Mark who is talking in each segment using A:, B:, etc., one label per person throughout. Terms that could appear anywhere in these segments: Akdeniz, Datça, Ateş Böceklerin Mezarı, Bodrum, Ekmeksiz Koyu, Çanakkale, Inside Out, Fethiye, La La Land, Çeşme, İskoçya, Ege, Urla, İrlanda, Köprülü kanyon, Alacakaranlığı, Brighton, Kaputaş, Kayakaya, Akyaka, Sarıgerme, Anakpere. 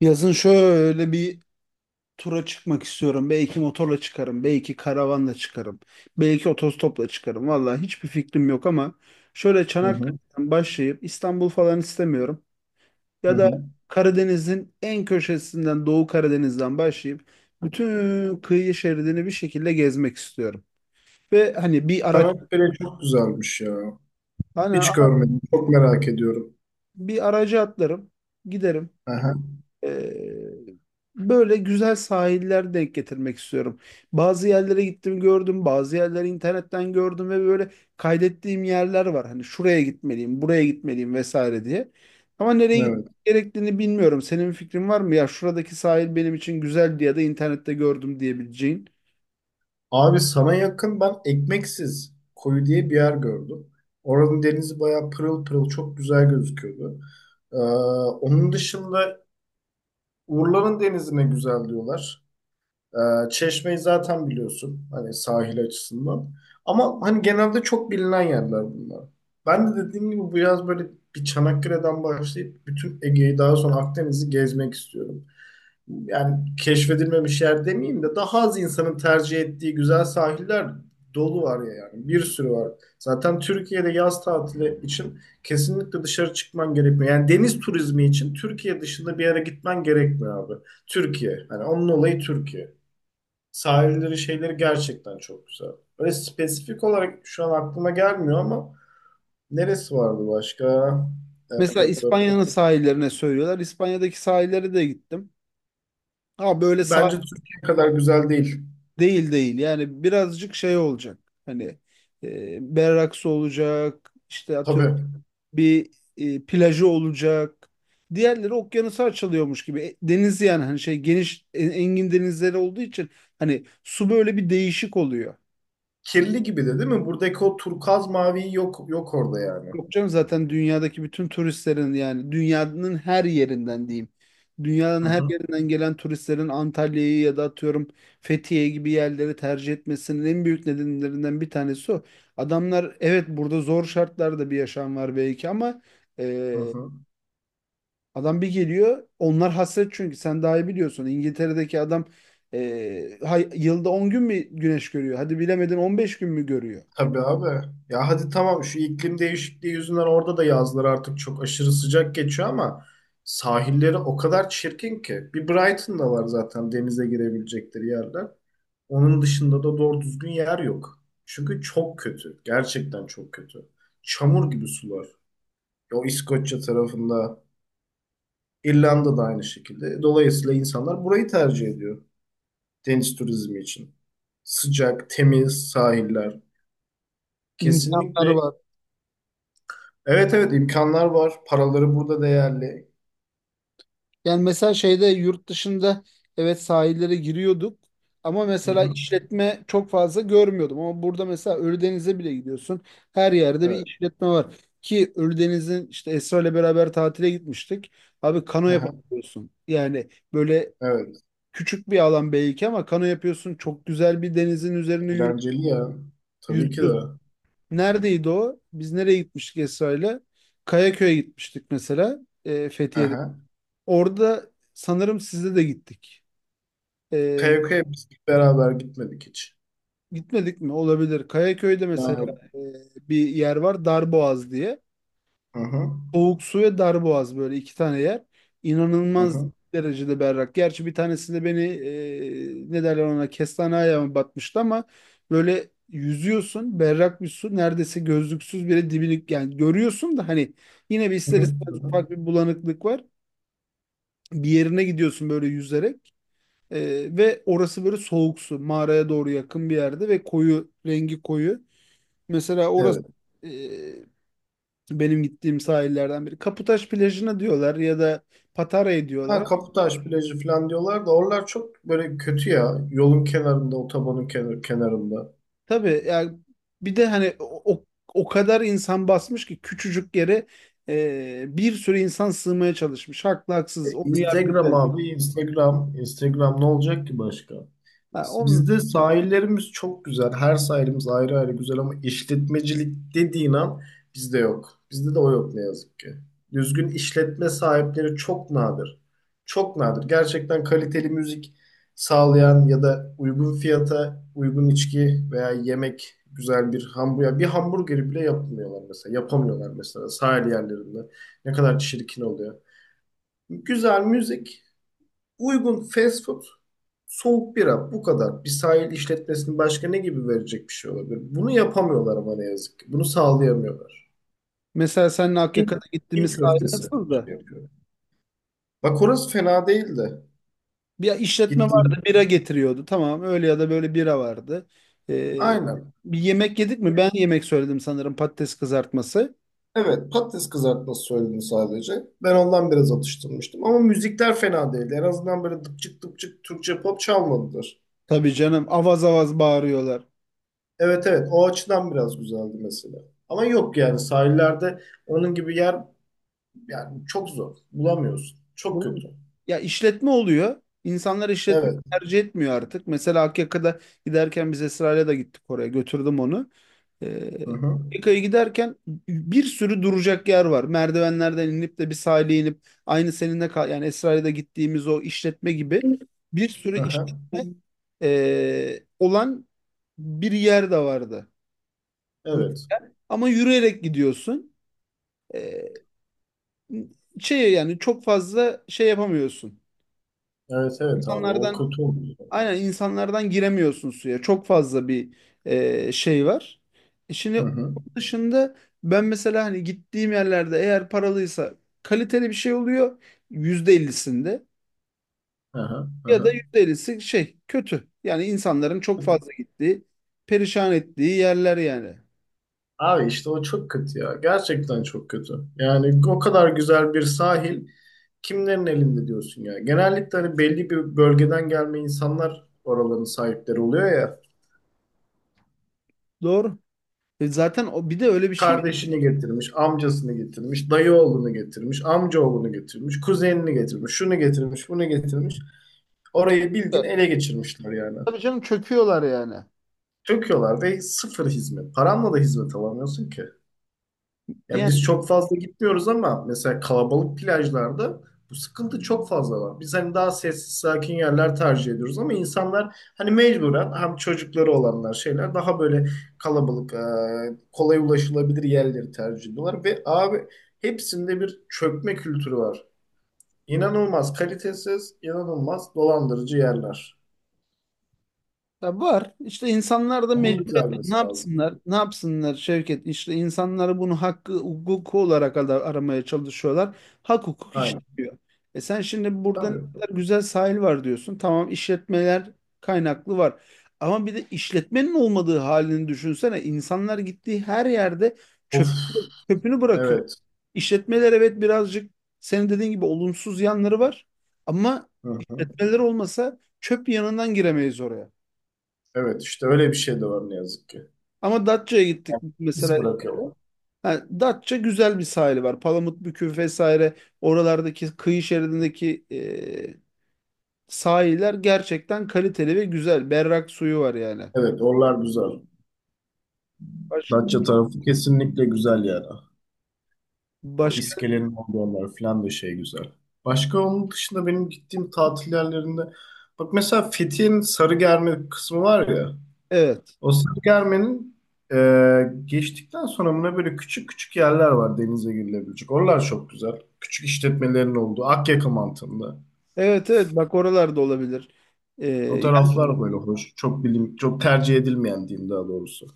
A: Yazın şöyle bir tura çıkmak istiyorum. Belki motorla çıkarım, belki karavanla çıkarım, belki otostopla çıkarım. Vallahi hiçbir fikrim yok ama şöyle
B: Hı hı,
A: Çanakkale'den başlayıp İstanbul falan istemiyorum.
B: hı
A: Ya da
B: hı.
A: Karadeniz'in en köşesinden Doğu Karadeniz'den başlayıp bütün kıyı şeridini bir şekilde gezmek istiyorum. Ve hani bir araç
B: Anakpere çok güzelmiş ya.
A: hani
B: Hiç görmedim. Çok merak ediyorum.
A: bir araca atlarım, giderim.
B: Aha,
A: Ee, Böyle güzel sahiller denk getirmek istiyorum. Bazı yerlere gittim gördüm, bazı yerleri internetten gördüm ve böyle kaydettiğim yerler var. Hani şuraya gitmeliyim, buraya gitmeliyim vesaire diye. Ama nereye gitmek
B: evet.
A: gerektiğini bilmiyorum. Senin bir fikrin var mı? Ya şuradaki sahil benim için güzeldi ya da internette gördüm diyebileceğin.
B: Abi sana yakın ben Ekmeksiz Koyu diye bir yer gördüm. Oranın denizi bayağı pırıl pırıl çok güzel gözüküyordu. Ee, Onun dışında Urla'nın denizi ne güzel diyorlar. Çeşme'yi zaten biliyorsun. Hani sahil açısından. Ama hani genelde çok bilinen yerler bunlar. Ben de dediğim gibi bu yaz böyle bir Çanakkale'den başlayıp bütün Ege'yi daha sonra Akdeniz'i gezmek istiyorum, yani keşfedilmemiş yer demeyeyim de daha az insanın tercih ettiği güzel sahiller dolu var ya yani. Bir sürü var. Zaten Türkiye'de yaz tatili için kesinlikle dışarı çıkman gerekmiyor. Yani deniz turizmi için Türkiye dışında bir yere gitmen gerekmiyor abi. Türkiye. Hani onun olayı Türkiye. Sahilleri şeyleri gerçekten çok güzel. Öyle spesifik olarak şu an aklıma gelmiyor ama neresi vardı başka? Hep,
A: Mesela
B: hep, hep, hep.
A: İspanya'nın sahillerine söylüyorlar. İspanya'daki sahillere de gittim. Ha böyle sahil
B: Bence Türkiye kadar güzel değil.
A: değil değil, yani birazcık şey olacak, hani berraksı olacak, işte atıyorum
B: Tabii.
A: bir plajı olacak, diğerleri okyanusa açılıyormuş gibi. Deniz yani, hani şey, geniş engin denizleri olduğu için hani su böyle bir değişik oluyor.
B: Kirli gibi de değil mi? Buradaki o turkuaz mavi yok yok orada yani.
A: Yok canım, zaten dünyadaki bütün turistlerin, yani dünyanın her yerinden diyeyim. Dünyanın
B: Hı
A: her
B: hı,
A: yerinden gelen turistlerin Antalya'yı ya da atıyorum Fethiye gibi yerleri tercih etmesinin en büyük nedenlerinden bir tanesi o. Adamlar, evet, burada zor şartlarda bir yaşam var belki ama
B: hı
A: e,
B: hı.
A: adam bir geliyor, onlar hasret. Çünkü sen daha iyi biliyorsun, İngiltere'deki adam yılda 10 gün mü güneş görüyor? Hadi bilemedin 15 gün mü görüyor?
B: Tabii abi. Ya hadi tamam şu iklim değişikliği yüzünden orada da yazlar artık çok aşırı sıcak geçiyor ama sahilleri o kadar çirkin ki. Bir Brighton'da var zaten denize girebilecekleri yerler. Onun dışında da doğru düzgün yer yok. Çünkü çok kötü. Gerçekten çok kötü. Çamur gibi sular. O İskoçya tarafında, İrlanda'da aynı şekilde. Dolayısıyla insanlar burayı tercih ediyor deniz turizmi için. Sıcak, temiz sahiller.
A: İmkanları
B: Kesinlikle.
A: var.
B: Evet evet, imkanlar var. Paraları burada değerli.
A: Yani mesela şeyde, yurt dışında, evet, sahillere giriyorduk ama
B: Hı
A: mesela
B: hı.
A: işletme çok fazla görmüyordum. Ama burada mesela Ölüdeniz'e bile gidiyorsun. Her yerde bir
B: Evet.
A: işletme var. Ki Ölüdeniz'in, işte Esra ile beraber tatile gitmiştik. Abi kano
B: Aha.
A: yapabiliyorsun. Yani böyle
B: Evet.
A: küçük bir alan belki ama kano yapıyorsun. Çok güzel bir denizin üzerine yürü
B: Eğlenceli ya. Tabii ki
A: yüzüyorsun.
B: de.
A: Neredeydi o? Biz nereye gitmiştik Esra ile? Kayaköy'e gitmiştik mesela. Fethiye'de.
B: Aha.
A: Orada sanırım sizle de gittik. E,
B: Kayakaya biz beraber gitmedik hiç.
A: Gitmedik mi? Olabilir. Kayaköy'de
B: Ben
A: mesela
B: yok.
A: e, bir yer var Darboğaz diye.
B: Hı hı.
A: Soğuk su ve Darboğaz, böyle iki tane yer.
B: Hı
A: İnanılmaz
B: hı.
A: derecede berrak. Gerçi bir tanesinde beni ne derler ona, kestane ayağıma batmıştı ama böyle yüzüyorsun berrak bir su, neredeyse gözlüksüz bile dibini yani görüyorsun, da hani yine bir
B: Hı
A: ister
B: hı. Hı
A: istemez
B: hı.
A: ufak bir bulanıklık var. Bir yerine gidiyorsun böyle yüzerek. Ve orası böyle soğuk su mağaraya doğru yakın bir yerde ve koyu, rengi koyu. Mesela orası
B: Evet.
A: e, benim gittiğim sahillerden biri. Kaputaş plajına diyorlar ya da Patara'ya diyorlar.
B: Ha,
A: Ama
B: Kaputaş plajı falan diyorlar da oralar çok böyle kötü ya. Yolun kenarında, otobanın kenarında.
A: tabii yani, bir de hani o o kadar insan basmış ki küçücük yere bir sürü insan sığmaya çalışmış. Haklı haksız onu
B: Instagram
A: yargılayamam.
B: abi Instagram. Instagram ne olacak ki başka?
A: Ha, onun,
B: Bizde sahillerimiz çok güzel. Her sahilimiz ayrı ayrı güzel ama işletmecilik dediğin an bizde yok. Bizde de o yok ne yazık ki. Düzgün işletme sahipleri çok nadir. Çok nadir. Gerçekten kaliteli müzik sağlayan ya da uygun fiyata uygun içki veya yemek güzel bir hamburger. Bir hamburgeri bile yapmıyorlar mesela. Yapamıyorlar mesela sahil yerlerinde. Ne kadar çirkin oluyor. Güzel müzik, uygun fast food, soğuk bira, bu kadar. Bir sahil işletmesinin başka ne gibi verecek bir şey olabilir? Bunu yapamıyorlar ama ne yazık ki. Bunu sağlayamıyorlar.
A: mesela seninle
B: Kim,
A: Akyaka'da
B: kim
A: gittiğimiz sahil
B: köftesi
A: nasıldı?
B: şey yapıyor. Bak orası fena değildi de.
A: Bir işletme
B: Gittiğim.
A: vardı, bira getiriyordu. Tamam, öyle ya da böyle bira vardı. E,
B: Aynen.
A: Bir yemek yedik mi? Ben yemek söyledim sanırım, patates kızartması.
B: Evet, patates kızartması söyledim sadece. Ben ondan biraz atıştırmıştım. Ama müzikler fena değildi. En azından böyle dıpçık dıpçık Türkçe pop çalmadılar.
A: Tabii canım, avaz avaz bağırıyorlar.
B: Evet evet, o açıdan biraz güzeldi mesela. Ama yok yani sahillerde onun gibi yer. Yani çok zor. Bulamıyorsun. Çok
A: Bunun,
B: kötü.
A: ya işletme oluyor. İnsanlar işletme
B: Evet.
A: tercih etmiyor artık. Mesela Akyaka'da giderken biz Esra'yla da gittik oraya. Götürdüm onu.
B: Hı hı.
A: Akyaka'ya giderken bir sürü duracak yer var. Merdivenlerden inip de bir sahile inip, aynı seninle kal yani Esra'yla da gittiğimiz o işletme gibi bir sürü
B: Hı hı.
A: işletme olan bir yer de vardı.
B: Evet.
A: Ama yürüyerek gidiyorsun. E, Şey yani, çok fazla şey yapamıyorsun.
B: Evet evet abi, o
A: İnsanlardan,
B: kötü oluyor.
A: aynen, insanlardan giremiyorsun suya. Çok fazla bir şey var. E şimdi
B: Hı
A: onun
B: hı.
A: dışında ben mesela hani gittiğim yerlerde, eğer paralıysa kaliteli bir şey oluyor %50'sinde,
B: Hı hı. Hı
A: ya da
B: hı.
A: %50'si şey kötü. Yani insanların çok fazla gittiği, perişan ettiği yerler yani.
B: Abi işte o çok kötü ya. Gerçekten çok kötü. Yani o kadar güzel bir sahil kimlerin elinde diyorsun ya. Genellikle hani belli bir bölgeden gelme insanlar oraların sahipleri oluyor ya.
A: Doğru. E zaten o bir de öyle bir şey.
B: Kardeşini getirmiş, amcasını getirmiş, dayı oğlunu getirmiş, amca oğlunu getirmiş, kuzenini getirmiş, şunu getirmiş, bunu getirmiş. Orayı bildiğin
A: Var,
B: ele geçirmişler yani.
A: tabii canım, çöküyorlar yani.
B: Döküyorlar ve sıfır hizmet. Paranla da hizmet alamıyorsun ki. Ya biz çok fazla gitmiyoruz ama mesela kalabalık plajlarda bu sıkıntı çok fazla var. Biz hani daha sessiz sakin yerler tercih ediyoruz ama insanlar hani mecburen hem çocukları olanlar şeyler daha böyle kalabalık kolay ulaşılabilir yerleri tercih ediyorlar ve abi hepsinde bir çökme kültürü var. İnanılmaz kalitesiz, inanılmaz dolandırıcı yerler.
A: Ya var. İşte insanlar da
B: Onun
A: mecburiyetten ne
B: düzelmesi lazım.
A: yapsınlar? Ne yapsınlar Şevket? İşte insanları, bunu, hakkı hukuku olarak aramaya çalışıyorlar. Hak hukuk
B: Aynen.
A: işlemiyor. E sen şimdi burada ne
B: Tabii.
A: kadar güzel sahil var diyorsun. Tamam, işletmeler kaynaklı var. Ama bir de işletmenin olmadığı halini düşünsene. İnsanlar gittiği her yerde
B: Of.
A: çöp, çöpünü bırakıyor.
B: Evet.
A: İşletmeler, evet, birazcık senin dediğin gibi olumsuz yanları var. Ama
B: Hı hı.
A: işletmeler olmasa çöp yanından giremeyiz oraya.
B: Evet işte öyle bir şey de var ne yazık ki.
A: Ama Datça'ya gittik
B: Yani.
A: mesela.
B: İz bırakıyorlar.
A: Ha, Datça, güzel bir sahili var. Palamutbükü vesaire, oralardaki kıyı şeridindeki sahiller gerçekten kaliteli ve güzel. Berrak suyu var yani.
B: Evet, oralar güzel.
A: Başka?
B: Datça tarafı kesinlikle güzel yani. O
A: Başka?
B: iskelenin olduğu yerler falan da şey güzel. Başka onun dışında benim gittiğim tatil yerlerinde bak mesela Fethiye'nin Sarıgerme kısmı var ya.
A: Evet.
B: O Sarıgerme'nin e, geçtikten sonra buna böyle küçük küçük yerler var denize girilebilecek. Oralar çok güzel. Küçük işletmelerin olduğu Akyaka mantığında.
A: Evet, evet, bak oralarda olabilir. E,
B: Fotoğraflar böyle hoş. Çok bilim, çok tercih edilmeyen diyeyim daha doğrusu.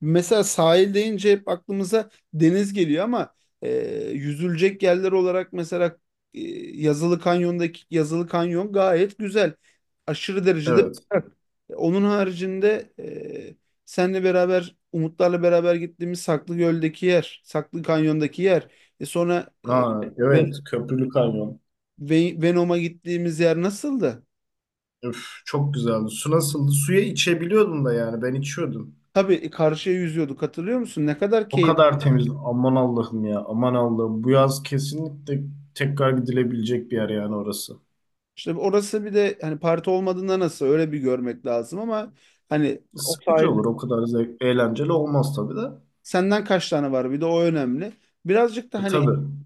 A: Mesela sahil deyince hep aklımıza deniz geliyor ama e, yüzülecek yerler olarak mesela e, Yazılı Kanyon'daki, Yazılı Kanyon gayet güzel. Aşırı derecede
B: Evet.
A: güzel. Onun haricinde senle beraber Umutlarla beraber gittiğimiz Saklıgöl'deki yer, Saklı Kanyon'daki yer. E sonra
B: Ha,
A: Ven-
B: evet. Köprülü kanyon.
A: Venom'a gittiğimiz yer nasıldı?
B: Üf, çok güzeldi. Su nasıldı? Suya içebiliyordum da yani. Ben içiyordum.
A: Tabii, karşıya yüzüyorduk hatırlıyor musun? Ne kadar
B: O
A: keyif.
B: kadar temiz. Aman Allah'ım ya. Aman Allah'ım. Bu yaz kesinlikle tekrar gidilebilecek bir yer yani orası.
A: İşte orası bir de hani parti olmadığında nasıl, öyle bir görmek lazım ama hani o
B: Sıkıcı
A: sahil
B: olur. O kadar zevk, eğlenceli olmaz tabii de.
A: senden kaç tane var, bir de o önemli. Birazcık da hani
B: Tabii.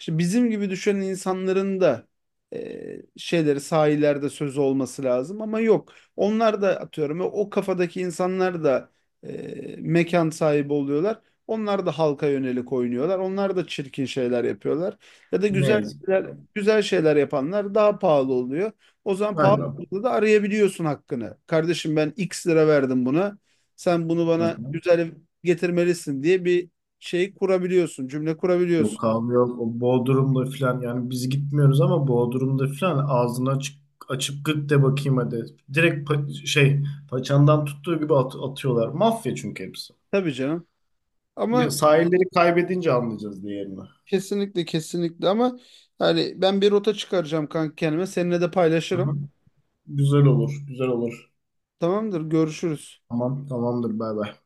A: işte bizim gibi düşünen insanların da şeyleri, sahillerde sözü olması lazım ama yok. Onlar da atıyorum o kafadaki insanlar da mekan sahibi oluyorlar. Onlar da halka yönelik oynuyorlar. Onlar da çirkin şeyler yapıyorlar. Ya da
B: Ne
A: güzel
B: yazık ki.
A: şeyler, güzel şeyler yapanlar daha pahalı oluyor. O zaman pahalı
B: Aynen.
A: olduğunda da arayabiliyorsun hakkını. Kardeşim, ben X lira verdim buna. Sen bunu
B: Hı
A: bana
B: hı.
A: güzel getirmelisin diye bir şey kurabiliyorsun, cümle kurabiliyorsun.
B: Yok abi yok. O Bodrum'da filan yani biz gitmiyoruz ama Bodrum'da filan ağzını açık açıp gık de bakayım hadi. Direkt paçandan tuttuğu gibi atıyorlar. Mafya çünkü hepsi.
A: Tabii canım. Ama
B: Bir sahilleri kaybedince anlayacağız diğerini.
A: kesinlikle, kesinlikle ama yani ben bir rota çıkaracağım kanka kendime. Seninle de
B: Aha.
A: paylaşırım.
B: Güzel olur, güzel olur.
A: Tamamdır, görüşürüz.
B: Tamam, tamamdır bay bay.